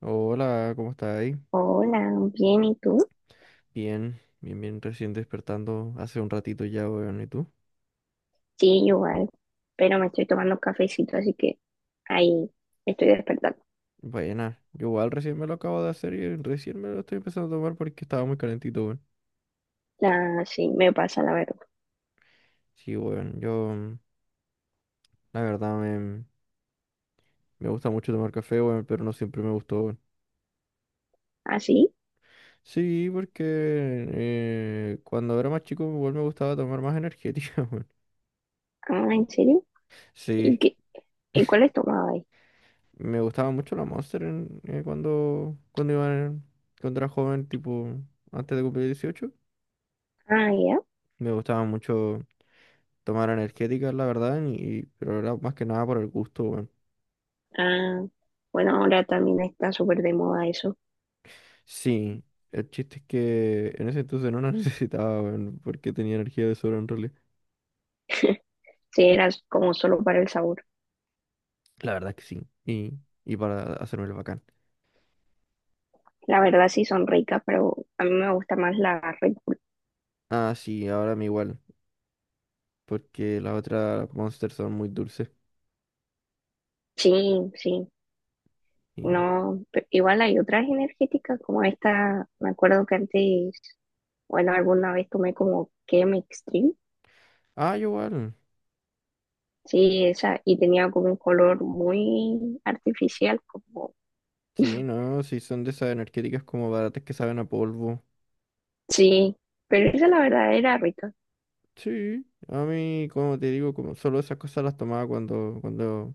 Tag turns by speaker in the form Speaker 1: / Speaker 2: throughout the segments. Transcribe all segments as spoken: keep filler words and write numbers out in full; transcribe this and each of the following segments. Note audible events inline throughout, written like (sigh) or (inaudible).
Speaker 1: Hola, ¿cómo estás ahí?
Speaker 2: Hola, bien, ¿y tú?
Speaker 1: Bien, bien, bien, recién despertando hace un ratito ya, weón, ¿y tú?
Speaker 2: Sí, igual, pero me estoy tomando cafecito, así que ahí estoy despertando.
Speaker 1: Buena, yo igual recién me lo acabo de hacer y recién me lo estoy empezando a tomar porque estaba muy calentito, weón.
Speaker 2: Ah, sí, me pasa la verdad.
Speaker 1: Sí, weón, yo, mm, la verdad, me, me gusta mucho tomar café, weón, pero no siempre me gustó, weón.
Speaker 2: ¿Ah, sí?
Speaker 1: Sí, porque eh, cuando era más chico, igual me gustaba tomar más energética, (laughs) weón.
Speaker 2: Ah, ¿en serio? ¿Y
Speaker 1: Sí,
Speaker 2: qué? ¿Y cuál es tomado ahí?
Speaker 1: me gustaba mucho la Monster en- eh, cuando, cuando iba, en- cuando era joven, tipo, antes de cumplir dieciocho.
Speaker 2: Ah, ya.
Speaker 1: Me gustaba mucho tomar energéticas, la verdad, y, pero era más que nada por el gusto, weón.
Speaker 2: Ah, bueno, ahora también está súper de moda eso.
Speaker 1: Sí, el chiste es que en ese entonces no la (laughs) necesitaba, weón, porque tenía energía de sobra en realidad.
Speaker 2: Sí, era como solo para el sabor.
Speaker 1: La verdad que sí, y, y para hacerme el bacán.
Speaker 2: La verdad sí son ricas, pero a mí me gusta más la Red Bull.
Speaker 1: Ah, sí, ahora me igual, porque las otras Monster son muy dulces.
Speaker 2: Sí, sí.
Speaker 1: Y...
Speaker 2: No, pe- igual hay otras energéticas como esta, me acuerdo que antes bueno, alguna vez tomé como Chem Extreme.
Speaker 1: Ah, yo igual.
Speaker 2: Sí, esa, y tenía como un color muy artificial, como,
Speaker 1: Sí,
Speaker 2: (laughs)
Speaker 1: no, sí, son de esas energéticas como baratas que saben a polvo.
Speaker 2: sí, pero esa la verdad era rica.
Speaker 1: Sí, a mí, como te digo, como solo esas cosas las tomaba cuando, cuando,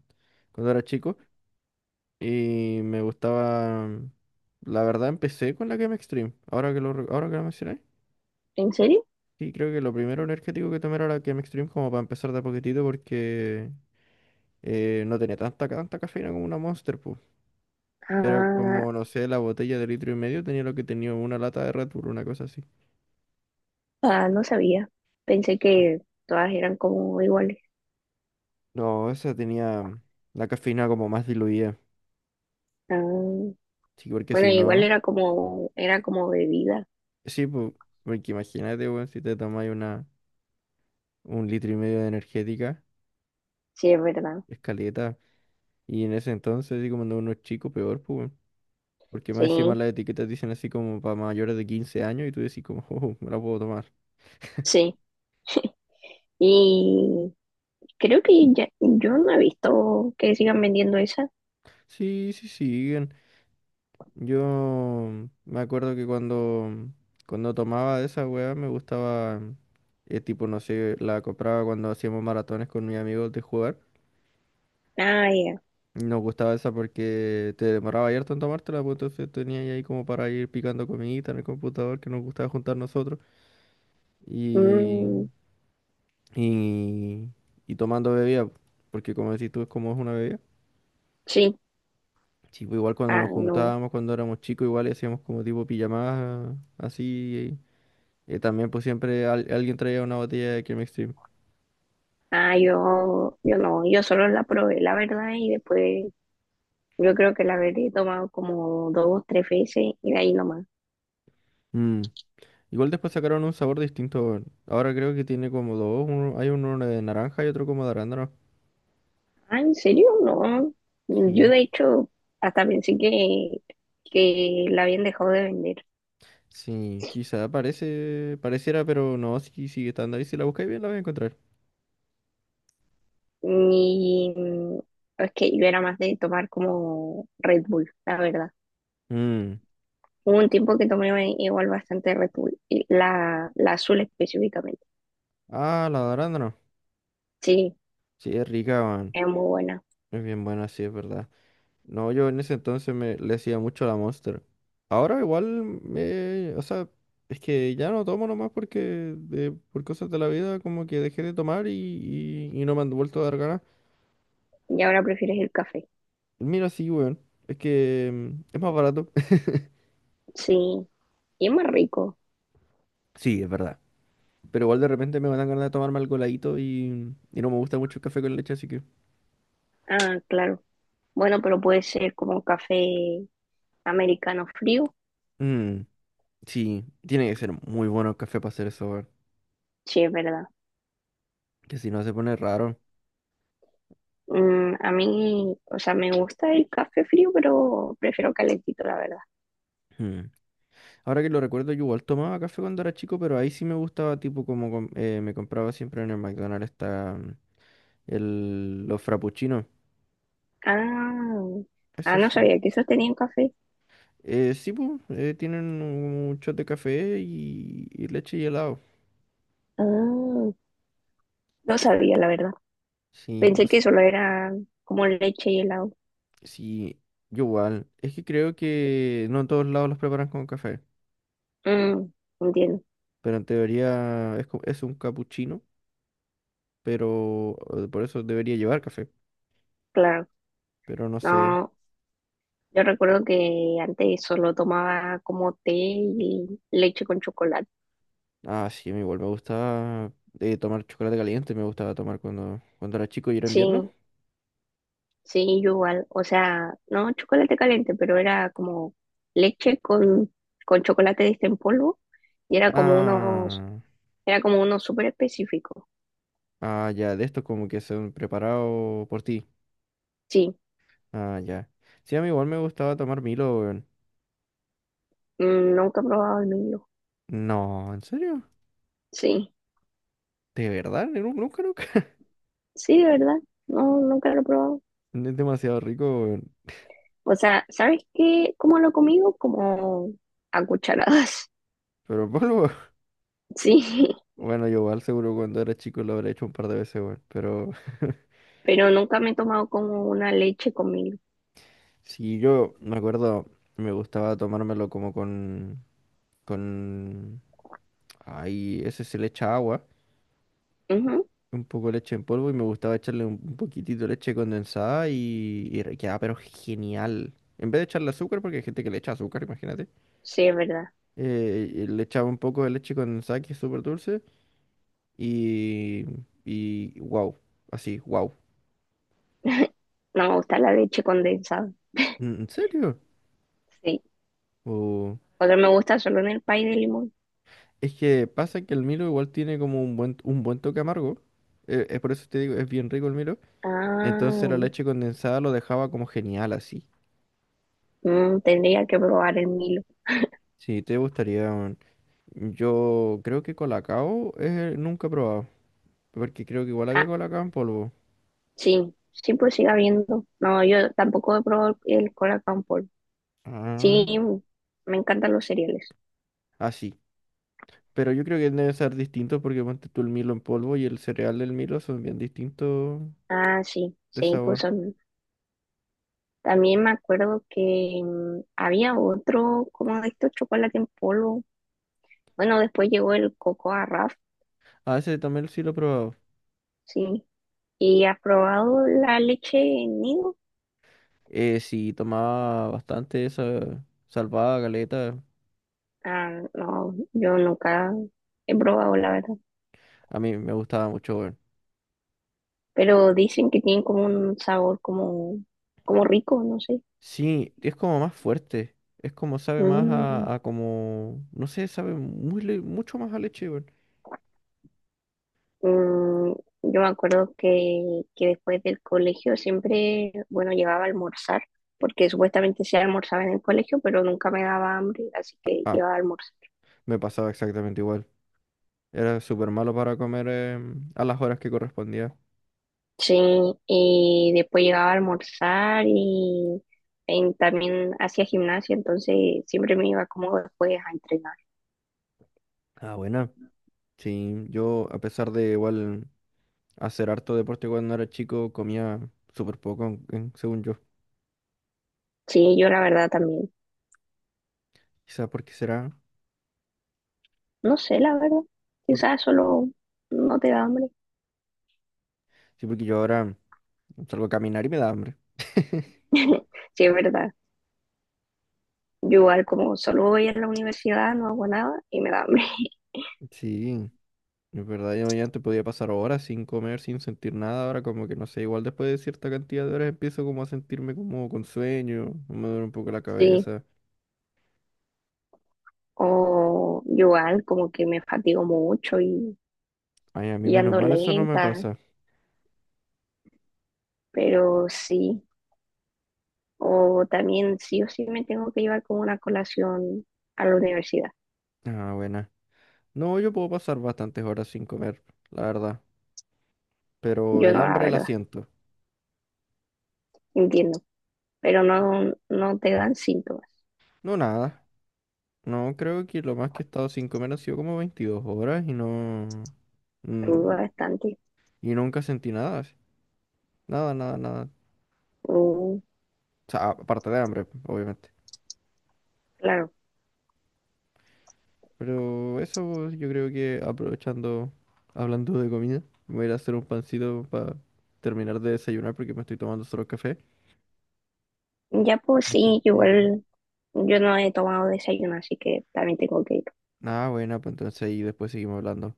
Speaker 1: cuando era chico. Y me gustaba. La verdad, empecé con la Game Extreme. Ahora que lo, re- ahora que lo mencioné.
Speaker 2: ¿En serio?
Speaker 1: Sí, creo que lo primero energético que tomé era la Game Extreme, como para empezar de a poquitito, porque eh, no tenía tanta, tanta cafeína como una Monster, pues. Era
Speaker 2: Ah,
Speaker 1: como, no sé, la botella de litro y medio tenía lo que tenía una lata de Red Bull, una cosa así.
Speaker 2: ah, no sabía. Pensé que todas eran como iguales.
Speaker 1: No, esa tenía mm, la cafeína como más diluida.
Speaker 2: Ah,
Speaker 1: Sí, porque
Speaker 2: bueno,
Speaker 1: si
Speaker 2: igual
Speaker 1: no.
Speaker 2: era como, era como bebida.
Speaker 1: Sí, pues. Porque imagínate, weón, si te tomáis una, un litro y medio de energética,
Speaker 2: Sí, es verdad.
Speaker 1: es caleta. Y en ese entonces, así como no uno es chico, peor, pues, weón. Porque más encima
Speaker 2: Sí,
Speaker 1: las etiquetas dicen así como para mayores de quince años y tú decís como, (laughs) oh, me la puedo tomar.
Speaker 2: sí. Y creo que ya, yo no he visto que sigan vendiendo esa.
Speaker 1: Sí, sí, siguen. Yo me acuerdo que cuando, cuando tomaba de esa weá me gustaba, eh, tipo, no sé, la compraba cuando hacíamos maratones con mis amigos de jugar.
Speaker 2: Ah, ya.
Speaker 1: Y nos gustaba esa porque te demoraba harto en tomártela, pues entonces tenía ahí como para ir picando comidita en el computador que nos gustaba juntar nosotros. Y,
Speaker 2: Mm,
Speaker 1: y, y tomando bebida, porque como decís tú, es como es una bebida.
Speaker 2: sí.
Speaker 1: Sí, pues igual cuando
Speaker 2: Ah,
Speaker 1: nos
Speaker 2: no.
Speaker 1: juntábamos, cuando éramos chicos, igual hacíamos como tipo pijamadas así. Eh, también pues siempre al- alguien traía una botella de Cream Extreme.
Speaker 2: Ah, yo, yo no, yo solo la probé, la verdad, y después yo creo que la habré tomado como dos o tres veces y de ahí nomás.
Speaker 1: Mm. Igual después sacaron un sabor distinto, weón. Ahora creo que tiene como dos. Uno- hay uno de naranja y otro como de arándano.
Speaker 2: Ah, ¿en serio? No. Yo
Speaker 1: Sí,
Speaker 2: de hecho hasta pensé que, que la habían dejado de vender.
Speaker 1: sí, quizá parece, pareciera, pero no, sí sigue estando ahí. Si la buscáis bien la vais a encontrar.
Speaker 2: Y mm, es que yo era más de tomar como Red Bull, la verdad.
Speaker 1: Mm.
Speaker 2: Hubo un tiempo que tomé igual bastante Red Bull, y la, la azul específicamente.
Speaker 1: Ah, la de arándano.
Speaker 2: Sí,
Speaker 1: Sí, es rica, weón.
Speaker 2: es muy buena.
Speaker 1: Es bien buena, sí, es verdad. No, yo en ese entonces me le hacía mucho a la Monster. Ahora igual me, o sea, es que ya no tomo nomás porque de- por cosas de la vida como que dejé de tomar y, y- y no me han vuelto a dar ganas.
Speaker 2: Y ahora prefieres el café.
Speaker 1: Mira, sí, weón. Es que mm, es más barato. (laughs)
Speaker 2: Sí, y es más rico.
Speaker 1: Sí, es verdad. Pero igual de repente me dan ganas de tomarme algo heladito y, y no me gusta mucho el café con leche, así que.
Speaker 2: Ah, claro. Bueno, pero puede ser como un café americano frío.
Speaker 1: Mm, sí, tiene que ser muy bueno el café para hacer eso, weón.
Speaker 2: Sí, es verdad.
Speaker 1: Que si no se pone raro.
Speaker 2: Mm, a mí, o sea, me gusta el café frío, pero prefiero calentito, la verdad.
Speaker 1: Ahora que lo recuerdo, yo igual tomaba café cuando era chico, pero ahí sí me gustaba, tipo como com- eh, me compraba siempre en el McDonald's está el, los frappuccinos.
Speaker 2: Ah,
Speaker 1: Eso
Speaker 2: ah, no
Speaker 1: sí.
Speaker 2: sabía que esos tenían café.
Speaker 1: Eh, sí, pues, eh, tienen un shot de café y, y leche y helado.
Speaker 2: Ah, no sabía, la verdad.
Speaker 1: Sí, o
Speaker 2: Pensé
Speaker 1: s-
Speaker 2: que solo era como leche y helado.
Speaker 1: sí, yo igual. Es que creo que no en todos lados los preparan con café,
Speaker 2: Mm, entiendo,
Speaker 1: pero en teoría es, co- es un capuchino, pero eh, por eso debería llevar café,
Speaker 2: claro.
Speaker 1: pero no sé.
Speaker 2: No, yo recuerdo que antes solo tomaba como té y leche con chocolate.
Speaker 1: Ah, sí, a mí igual me gusta eh, tomar chocolate caliente, me gustaba tomar cuando, cuando era chico y era
Speaker 2: Sí,
Speaker 1: invierno.
Speaker 2: sí, yo igual, o sea, no chocolate caliente, pero era como leche con, con chocolate de este en polvo y era como unos,
Speaker 1: Ah,
Speaker 2: era como uno súper específico.
Speaker 1: ah, ya, de estos como que son preparados por ti.
Speaker 2: Sí,
Speaker 1: Ah, ya. Sí, a mí igual me gustaba tomar Milo, weón.
Speaker 2: mm, nunca he probado el Milo.
Speaker 1: No, ¿en serio?
Speaker 2: Sí,
Speaker 1: ¿De verdad? Ni- Nunca, nunca. (laughs)
Speaker 2: sí, de verdad, no, nunca lo he probado.
Speaker 1: Es demasiado rico, weón.
Speaker 2: O sea, ¿sabes qué? ¿Cómo lo he comido? Como a cucharadas,
Speaker 1: Pero en polvo. (laughs)
Speaker 2: (laughs) sí,
Speaker 1: Bueno, yo igual seguro cuando era chico lo habré hecho un par de veces, weón. Pero (laughs)
Speaker 2: pero nunca me he tomado como una leche con Milo.
Speaker 1: sí, yo me acuerdo, me gustaba tomármelo como con... con... Ay, ese se le echa agua.
Speaker 2: Ujú,
Speaker 1: Un poco de leche en polvo y me gustaba echarle un, un poquitito de leche condensada y, y re- quedaba pero genial. En vez de echarle azúcar, porque hay gente que le echa azúcar, imagínate,
Speaker 2: sí, es verdad.
Speaker 1: eh, y le echaba un poco de leche condensada que es súper dulce y, y wow, así, wow.
Speaker 2: (laughs) No me gusta la leche condensada.
Speaker 1: ¿En en serio?
Speaker 2: Sí.
Speaker 1: O-
Speaker 2: Otro me gusta solo en el pay de limón.
Speaker 1: es que pasa que el Milo igual tiene como un buen, un buen toque amargo. Eh, es por eso te digo, es bien rico el Milo. Entonces la
Speaker 2: Ah,
Speaker 1: leche condensada lo dejaba como genial así.
Speaker 2: mm, tendría que probar el Milo.
Speaker 1: Sí, te gustaría, weón. Yo creo que Colacao eh, nunca he probado, porque creo que igual había
Speaker 2: Ah,
Speaker 1: Colacao en polvo.
Speaker 2: sí, sí, pues siga viendo. No, yo tampoco he probado el cola con polvo.
Speaker 1: Ah,
Speaker 2: Sí, me encantan los cereales.
Speaker 1: ah, sí. Pero yo creo que deben ser distintos porque ponte tú el Milo en polvo y el cereal del Milo son bien distintos
Speaker 2: Ah, sí,
Speaker 1: de
Speaker 2: sí, pues
Speaker 1: sabor.
Speaker 2: son. También me acuerdo que mm, había otro, como de estos chocolate en polvo. Bueno, después llegó el coco a Raf,
Speaker 1: Ah, ese también sí lo he probado.
Speaker 2: sí. ¿Y has probado la leche en nido?
Speaker 1: Eh, sí, tomaba bastante esa salvada galeta.
Speaker 2: Ah, no, yo nunca he probado la verdad.
Speaker 1: A mí me gustaba mucho, weón.
Speaker 2: Pero dicen que tienen como un sabor como, como rico, no sé.
Speaker 1: Sí, es como más fuerte. Es como sabe más
Speaker 2: Mm,
Speaker 1: a, a como, no sé, sabe muy, le- mucho más a leche, weón.
Speaker 2: mm, yo me acuerdo que, que después del colegio siempre, bueno, llegaba a almorzar, porque supuestamente se almorzaba en el colegio, pero nunca me daba hambre, así que
Speaker 1: Ah,
Speaker 2: llegaba a almorzar.
Speaker 1: me pasaba exactamente igual. Era súper malo para comer eh, a las horas que correspondía.
Speaker 2: Sí, y después llegaba a almorzar y, en- también hacía gimnasia, entonces siempre me iba como después a entrenar.
Speaker 1: Ah, buena. Sí, yo a pesar de igual hacer harto deporte cuando era chico, comía súper poco, en- en- según yo.
Speaker 2: Sí, yo la verdad también,
Speaker 1: Quizás porque será.
Speaker 2: no sé, la verdad,
Speaker 1: por-
Speaker 2: quizás solo no te da hambre.
Speaker 1: Sí, porque yo ahora salgo a caminar y me da hambre. (laughs)
Speaker 2: (laughs) Sí, es verdad. Yo igual como solo voy a la universidad, no hago nada y me da hambre. (laughs)
Speaker 1: Sí, es verdad, yo ya antes podía pasar horas sin comer, sin sentir nada, ahora como que no sé, igual después de cierta cantidad de horas empiezo como a sentirme como con sueño, me duele un poco la
Speaker 2: Sí.
Speaker 1: cabeza.
Speaker 2: O yo igual como que me fatigo mucho y,
Speaker 1: Ay, a mí
Speaker 2: y
Speaker 1: menos
Speaker 2: ando
Speaker 1: mal eso no me
Speaker 2: lenta,
Speaker 1: pasa.
Speaker 2: pero sí. O también sí o sí me tengo que llevar como una colación a la universidad.
Speaker 1: Ah, buena. No, yo puedo pasar bastantes horas sin comer, la verdad, pero
Speaker 2: Yo
Speaker 1: el
Speaker 2: no, la
Speaker 1: hambre la
Speaker 2: verdad,
Speaker 1: siento.
Speaker 2: entiendo. Pero no, no te dan síntomas.
Speaker 1: No, nada. No, creo que lo más que he estado sin comer ha sido como veintidós horas y no...
Speaker 2: Me
Speaker 1: mm,
Speaker 2: duda bastante.
Speaker 1: y nunca sentí nada, así. Nada, nada, nada.
Speaker 2: Mm,
Speaker 1: O sea, aparte de hambre, obviamente.
Speaker 2: claro.
Speaker 1: Pero eso yo creo que aprovechando, hablando de comida, me voy a ir a hacer un pancito para terminar de desayunar porque me estoy tomando solo café.
Speaker 2: Ya pues
Speaker 1: Así
Speaker 2: sí,
Speaker 1: que...
Speaker 2: igual yo no he tomado desayuno, así que también tengo que ir.
Speaker 1: Nada, buena, pues entonces ahí después seguimos hablando.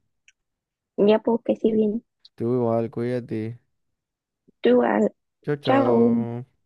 Speaker 2: Ya pues que sí bien.
Speaker 1: Tú igual, cuídate.
Speaker 2: Tú, al-
Speaker 1: Chao,
Speaker 2: chao.
Speaker 1: chao.